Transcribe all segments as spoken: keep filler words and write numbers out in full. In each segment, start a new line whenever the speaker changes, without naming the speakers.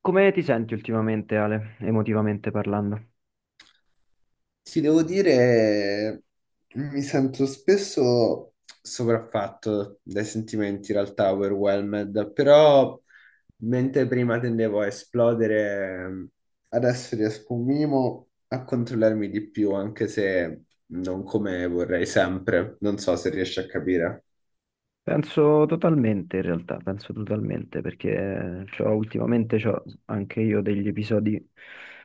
Come ti senti ultimamente, Ale, emotivamente parlando?
Ti devo dire, mi sento spesso sopraffatto dai sentimenti, in realtà overwhelmed, però mentre prima tendevo a esplodere, adesso riesco un minimo a controllarmi di più, anche se non come vorrei sempre. Non so se riesci a capire.
Penso totalmente, in realtà, penso totalmente, perché c'ho- ultimamente ho anche io degli episodi.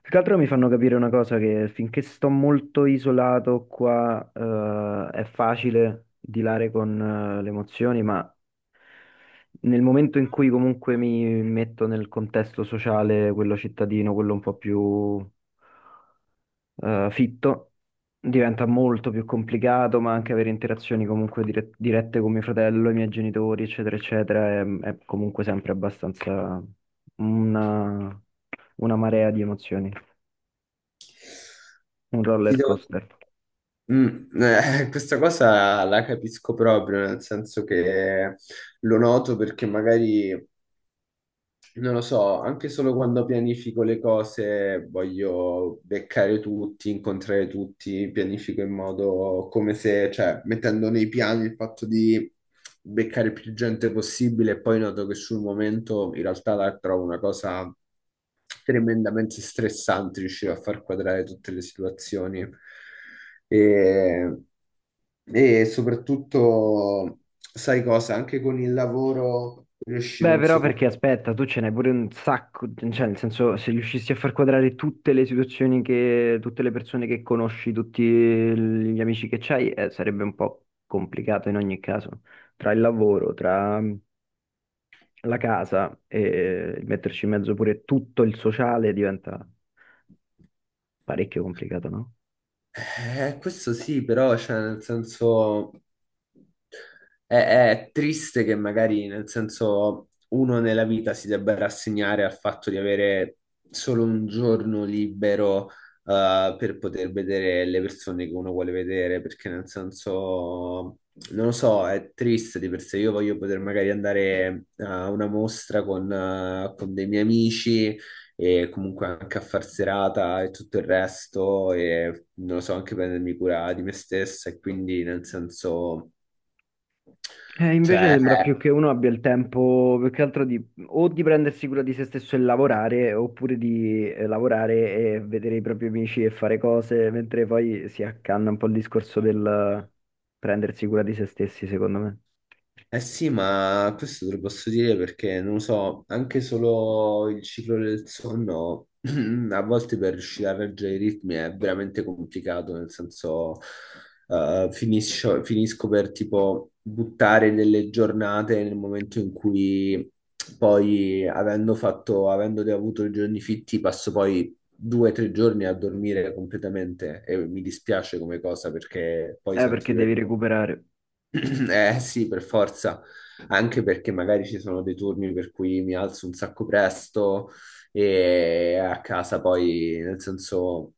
Più che altro mi fanno capire una cosa, che finché sto molto isolato qua, eh, è facile dilare con, eh, le emozioni, ma nel momento in cui comunque mi metto nel contesto sociale, quello cittadino, quello un po' più eh, fitto, diventa molto più complicato, ma anche avere interazioni comunque dire- dirette con mio fratello, i miei genitori, eccetera, eccetera, è, è comunque sempre abbastanza una, una marea di emozioni, un
Ti
roller
devo-
coaster.
Mm, eh, questa cosa la capisco proprio, nel senso che lo noto perché magari non lo so, anche solo quando pianifico le cose voglio beccare tutti, incontrare tutti, pianifico in modo come se, cioè, mettendo nei piani il fatto di beccare più gente possibile e poi noto che sul momento in realtà la trovo una cosa tremendamente stressante riuscire a far quadrare tutte le situazioni. E, e soprattutto, sai cosa, anche con il lavoro riuscire
Beh,
un
però
secondo.
perché aspetta, tu ce n'hai pure un sacco, cioè nel senso se riuscissi a far quadrare tutte le situazioni che, tutte le persone che conosci, tutti gli amici che c'hai, eh, sarebbe un po' complicato in ogni caso, tra il lavoro, tra la casa e metterci in mezzo pure tutto il sociale diventa parecchio complicato, no?
Eh, questo sì, però, cioè, nel senso, è, è triste che magari, nel senso, uno nella vita si debba rassegnare al fatto di avere solo un giorno libero, eh, per poter vedere le persone che uno vuole vedere, perché, nel senso, non lo so, è triste di per sé. Io voglio poter magari andare a una mostra con, eh, con dei miei amici e comunque anche a far serata e tutto il resto e non lo so, anche prendermi cura di me stessa e quindi nel senso,
Eh, invece
cioè.
sembra più che uno abbia il tempo più che altro di o di prendersi cura di se stesso e lavorare, oppure di eh, lavorare e vedere i propri amici e fare cose, mentre poi si accanna un po' il discorso del prendersi cura di se stessi, secondo me.
Eh sì, ma questo te lo posso dire perché, non lo so, anche solo il ciclo del sonno, a volte per riuscire a reggere i ritmi è veramente complicato, nel senso, eh, finisco, finisco per tipo buttare delle giornate nel momento in cui poi, avendo fatto, avendo avuto i giorni fitti, passo poi due o tre giorni a dormire completamente e mi dispiace come cosa perché poi
Eh,
sento
perché
di
devi
aver
recuperare.
eh sì, per forza, anche perché magari ci sono dei turni per cui mi alzo un sacco presto e a casa poi, nel senso,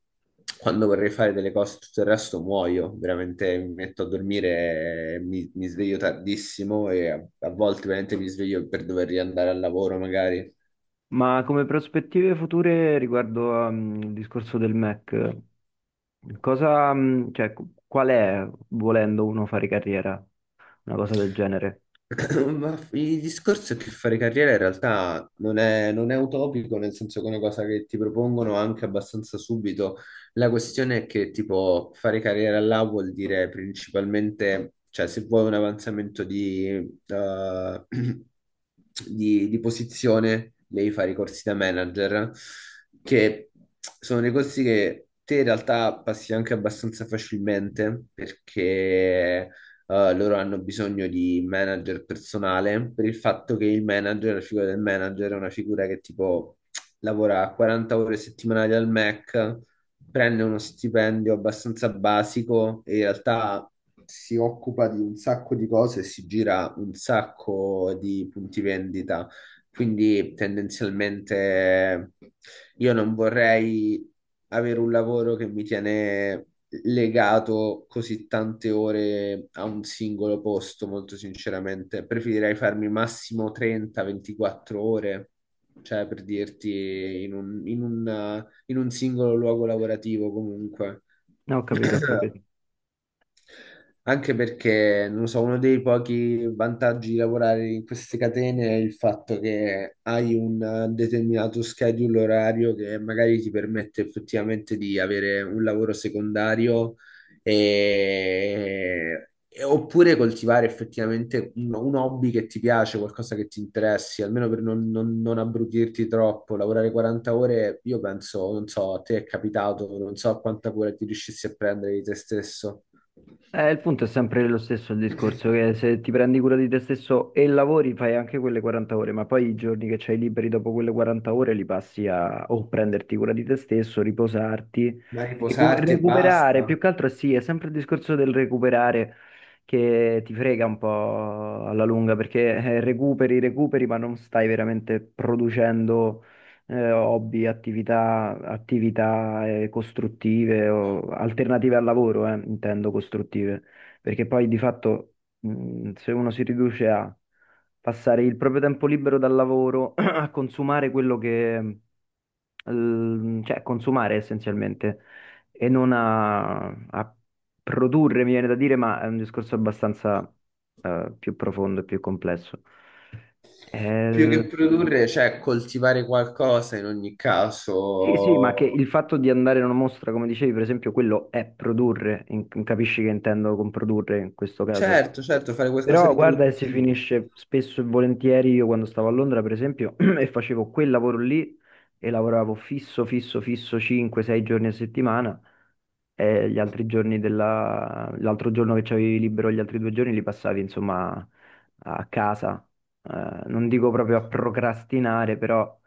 quando vorrei fare delle cose, tutto il resto muoio, veramente mi metto a dormire, e mi, mi sveglio tardissimo e a, a volte veramente mi sveglio per dover riandare al lavoro magari.
Ma come prospettive future riguardo al discorso del Mac, cosa, mh, cioè, qu- qual è, volendo uno fare carriera, una cosa del genere?
Ma il discorso è che fare carriera in realtà non è, non è utopico, nel senso che è una cosa che ti propongono anche abbastanza subito. La questione è che, tipo, fare carriera là vuol dire principalmente, cioè, se vuoi un avanzamento di, eh, di, di posizione, devi fare i corsi da manager, che sono dei corsi che te in realtà passi anche abbastanza facilmente perché eh, loro hanno bisogno di manager personale per il fatto che il manager, la figura del manager è una figura che tipo lavora quaranta ore settimanali al Mac, prende uno stipendio abbastanza basico e in realtà si occupa di un sacco di cose e si gira un sacco di punti vendita. Quindi tendenzialmente io non vorrei avere un lavoro che mi tiene legato così tante ore a un singolo posto, molto sinceramente. Preferirei farmi massimo trenta ventiquattro ore, cioè per dirti in un, in un, in un singolo luogo lavorativo comunque.
No, ho capito, ho capito.
Anche perché, non lo so, uno dei pochi vantaggi di lavorare in queste catene è il fatto che hai un eh, determinato schedule orario che magari ti permette effettivamente di avere un lavoro secondario e... e- oppure coltivare effettivamente un, un hobby che ti piace, qualcosa che ti interessi, almeno per non, non, non abbrutirti troppo. Lavorare quaranta ore, io penso, non so, a te è capitato, non so quanta cura ti riuscissi a prendere di te stesso.
Eh, il punto è sempre lo stesso, il discorso, che se ti prendi cura di te stesso e lavori, fai anche quelle quaranta ore, ma poi i giorni che c'hai liberi dopo quelle quaranta ore li passi a o prenderti cura di te stesso, riposarti,
Ma
recu-
riposarti e
recuperare, più
basta.
che altro sì, è sempre il discorso del recuperare che ti frega un po' alla lunga, perché eh, recuperi, recuperi, ma non stai veramente producendo eh, hobby, attività, attività eh, costruttive o alternative al lavoro, eh, intendo costruttive, perché poi di fatto mh, se uno si riduce a passare il proprio tempo libero dal lavoro a consumare quello che, eh, cioè consumare essenzialmente e non a, a produrre, mi viene da dire, ma è un discorso abbastanza eh, più profondo e più complesso.
Più
Eh,
che produrre, cioè coltivare qualcosa in ogni
Sì, sì, ma
caso.
che il fatto di andare in una mostra, come dicevi, per esempio, quello è produrre, in- capisci che intendo con produrre in questo caso.
Certo, certo, fare qualcosa
Però
di
guarda che si
produttivo.
finisce spesso e volentieri, io quando stavo a Londra, per esempio, e facevo quel lavoro lì e lavoravo fisso, fisso, fisso cinque sei giorni a settimana e gli altri giorni della... l'altro giorno che c'avevi libero, gli altri due giorni li passavi, insomma, a casa. Eh, non dico proprio a procrastinare, però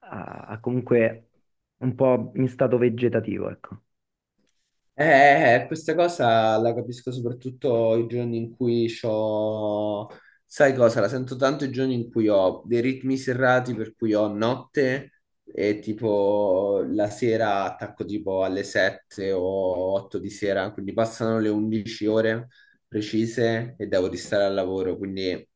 a- a comunque un po' in stato vegetativo, ecco.
Eh, eh, eh, questa cosa la capisco soprattutto i giorni in cui ho, sai cosa, la sento tanto i giorni in cui ho dei ritmi serrati per cui ho notte e tipo la sera attacco tipo alle sette o otto di sera, quindi passano le undici ore precise e devo restare al lavoro, quindi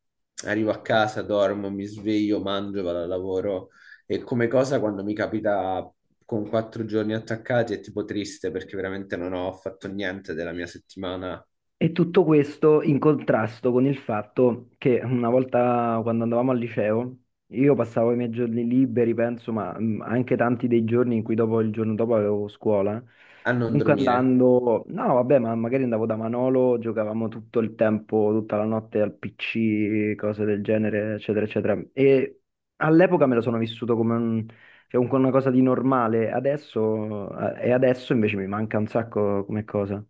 arrivo a casa, dormo, mi sveglio, mangio, vado al lavoro e come cosa quando mi capita con quattro giorni attaccati è tipo triste perché veramente non ho fatto niente della mia settimana
E tutto questo in contrasto con il fatto che una volta quando andavamo al liceo, io passavo i miei giorni liberi, penso, ma mh, anche tanti dei giorni in cui dopo il giorno dopo avevo scuola.
a non
Comunque
dormire.
andando, no, vabbè, ma magari andavo da Manolo, giocavamo tutto il tempo, tutta la notte al P C, cose del genere, eccetera, eccetera. E all'epoca me lo sono vissuto come un- cioè, un- una cosa di normale, adesso, eh, e adesso invece mi manca un sacco come cosa.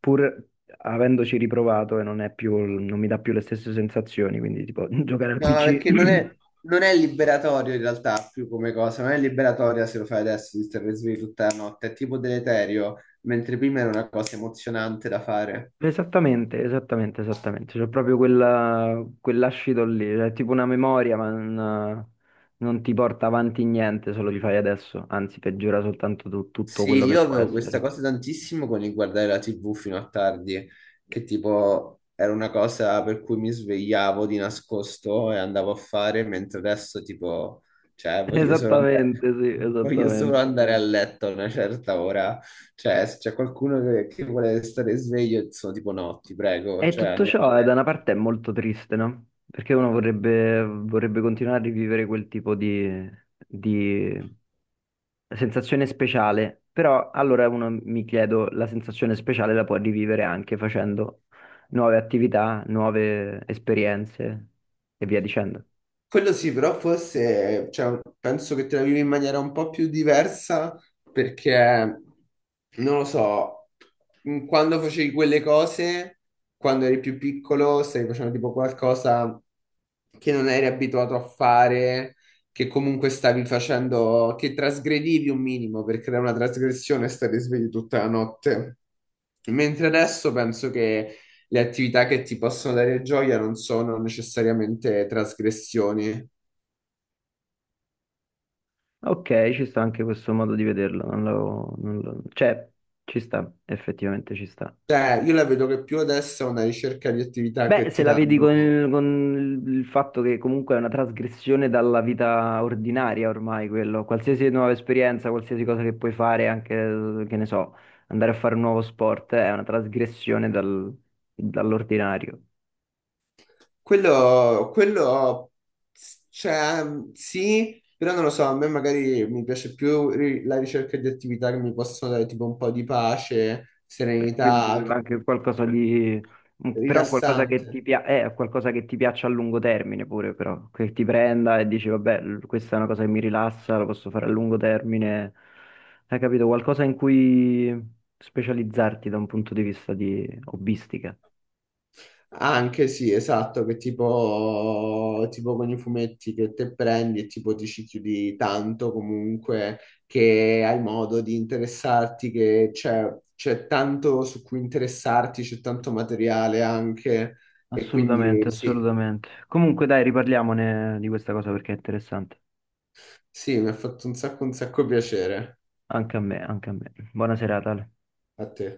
Pur avendoci riprovato e non è più, non mi dà più le stesse sensazioni, quindi tipo giocare al
No,
P C.
perché non è, non è liberatorio in realtà più come cosa, non è liberatoria se lo fai adesso di stare svegli tutta la notte, è tipo deleterio, mentre prima era una cosa emozionante da fare.
Esattamente, esattamente, esattamente. C'è proprio quella, quell'ascito lì, cioè, è tipo una memoria, ma non, non ti porta avanti niente se lo rifai adesso, anzi peggiora soltanto tu- tutto
Sì,
quello che
io
può
avevo questa
essere.
cosa tantissimo con il guardare la T V fino a tardi, che tipo era una cosa per cui mi svegliavo di nascosto e andavo a fare, mentre adesso tipo, cioè, voglio solo andare,
Esattamente, sì,
voglio solo
esattamente.
andare a letto a una certa ora. Cioè, se c'è qualcuno che, che vuole stare sveglio, sono tipo no, ti prego,
E
cioè
tutto
andiamo a
ciò eh, da una
letto.
parte è molto triste, no? Perché uno vorrebbe, vorrebbe continuare a rivivere quel tipo di, di sensazione speciale, però allora uno mi chiedo, la sensazione speciale la può rivivere anche facendo nuove attività, nuove esperienze e via dicendo.
Quello sì, però forse, cioè, penso che te la vivi in maniera un po' più diversa perché, non lo so, mh, quando facevi quelle cose, quando eri più piccolo, stavi facendo tipo qualcosa che non eri abituato a fare, che comunque stavi facendo, che trasgredivi un minimo perché era una trasgressione stare svegli tutta la notte. Mentre adesso penso che le attività che ti possono dare gioia non sono necessariamente trasgressioni.
Ok, ci sta anche questo modo di vederlo, non lo, non lo- cioè, ci sta, effettivamente ci sta.
Cioè, io la vedo che più adesso è una ricerca di attività
Beh,
che
se
ti
la vedi con
danno.
il, con il fatto che comunque è una trasgressione dalla vita ordinaria ormai quello, qualsiasi nuova esperienza, qualsiasi cosa che puoi fare, anche, che ne so, andare a fare un nuovo sport, è una trasgressione dal- dall'ordinario.
Quello, quello, cioè, sì, però non lo so, a me magari mi piace più ri- la ricerca di attività che mi possono dare tipo un po' di pace,
E quindi
serenità, che-
anche qualcosa di, però qualcosa
rilassante.
che ti pia- eh, qualcosa che ti piaccia a lungo termine pure, però, che ti prenda e dici, vabbè, l- questa è una cosa che mi rilassa, la posso fare a lungo termine. Hai capito? Qualcosa in cui specializzarti da un punto di vista di hobbistica.
Anche sì, esatto, che tipo, tipo con i fumetti che te prendi e tipo ti ci chiudi tanto comunque che hai modo di interessarti, che c'è c'è tanto su cui interessarti, c'è tanto materiale anche e quindi
Assolutamente,
sì,
assolutamente. Comunque dai, riparliamone di questa cosa perché è interessante.
sì, mi ha fatto un sacco un sacco piacere
Anche a me, anche a me. Buona serata, Ale.
a te.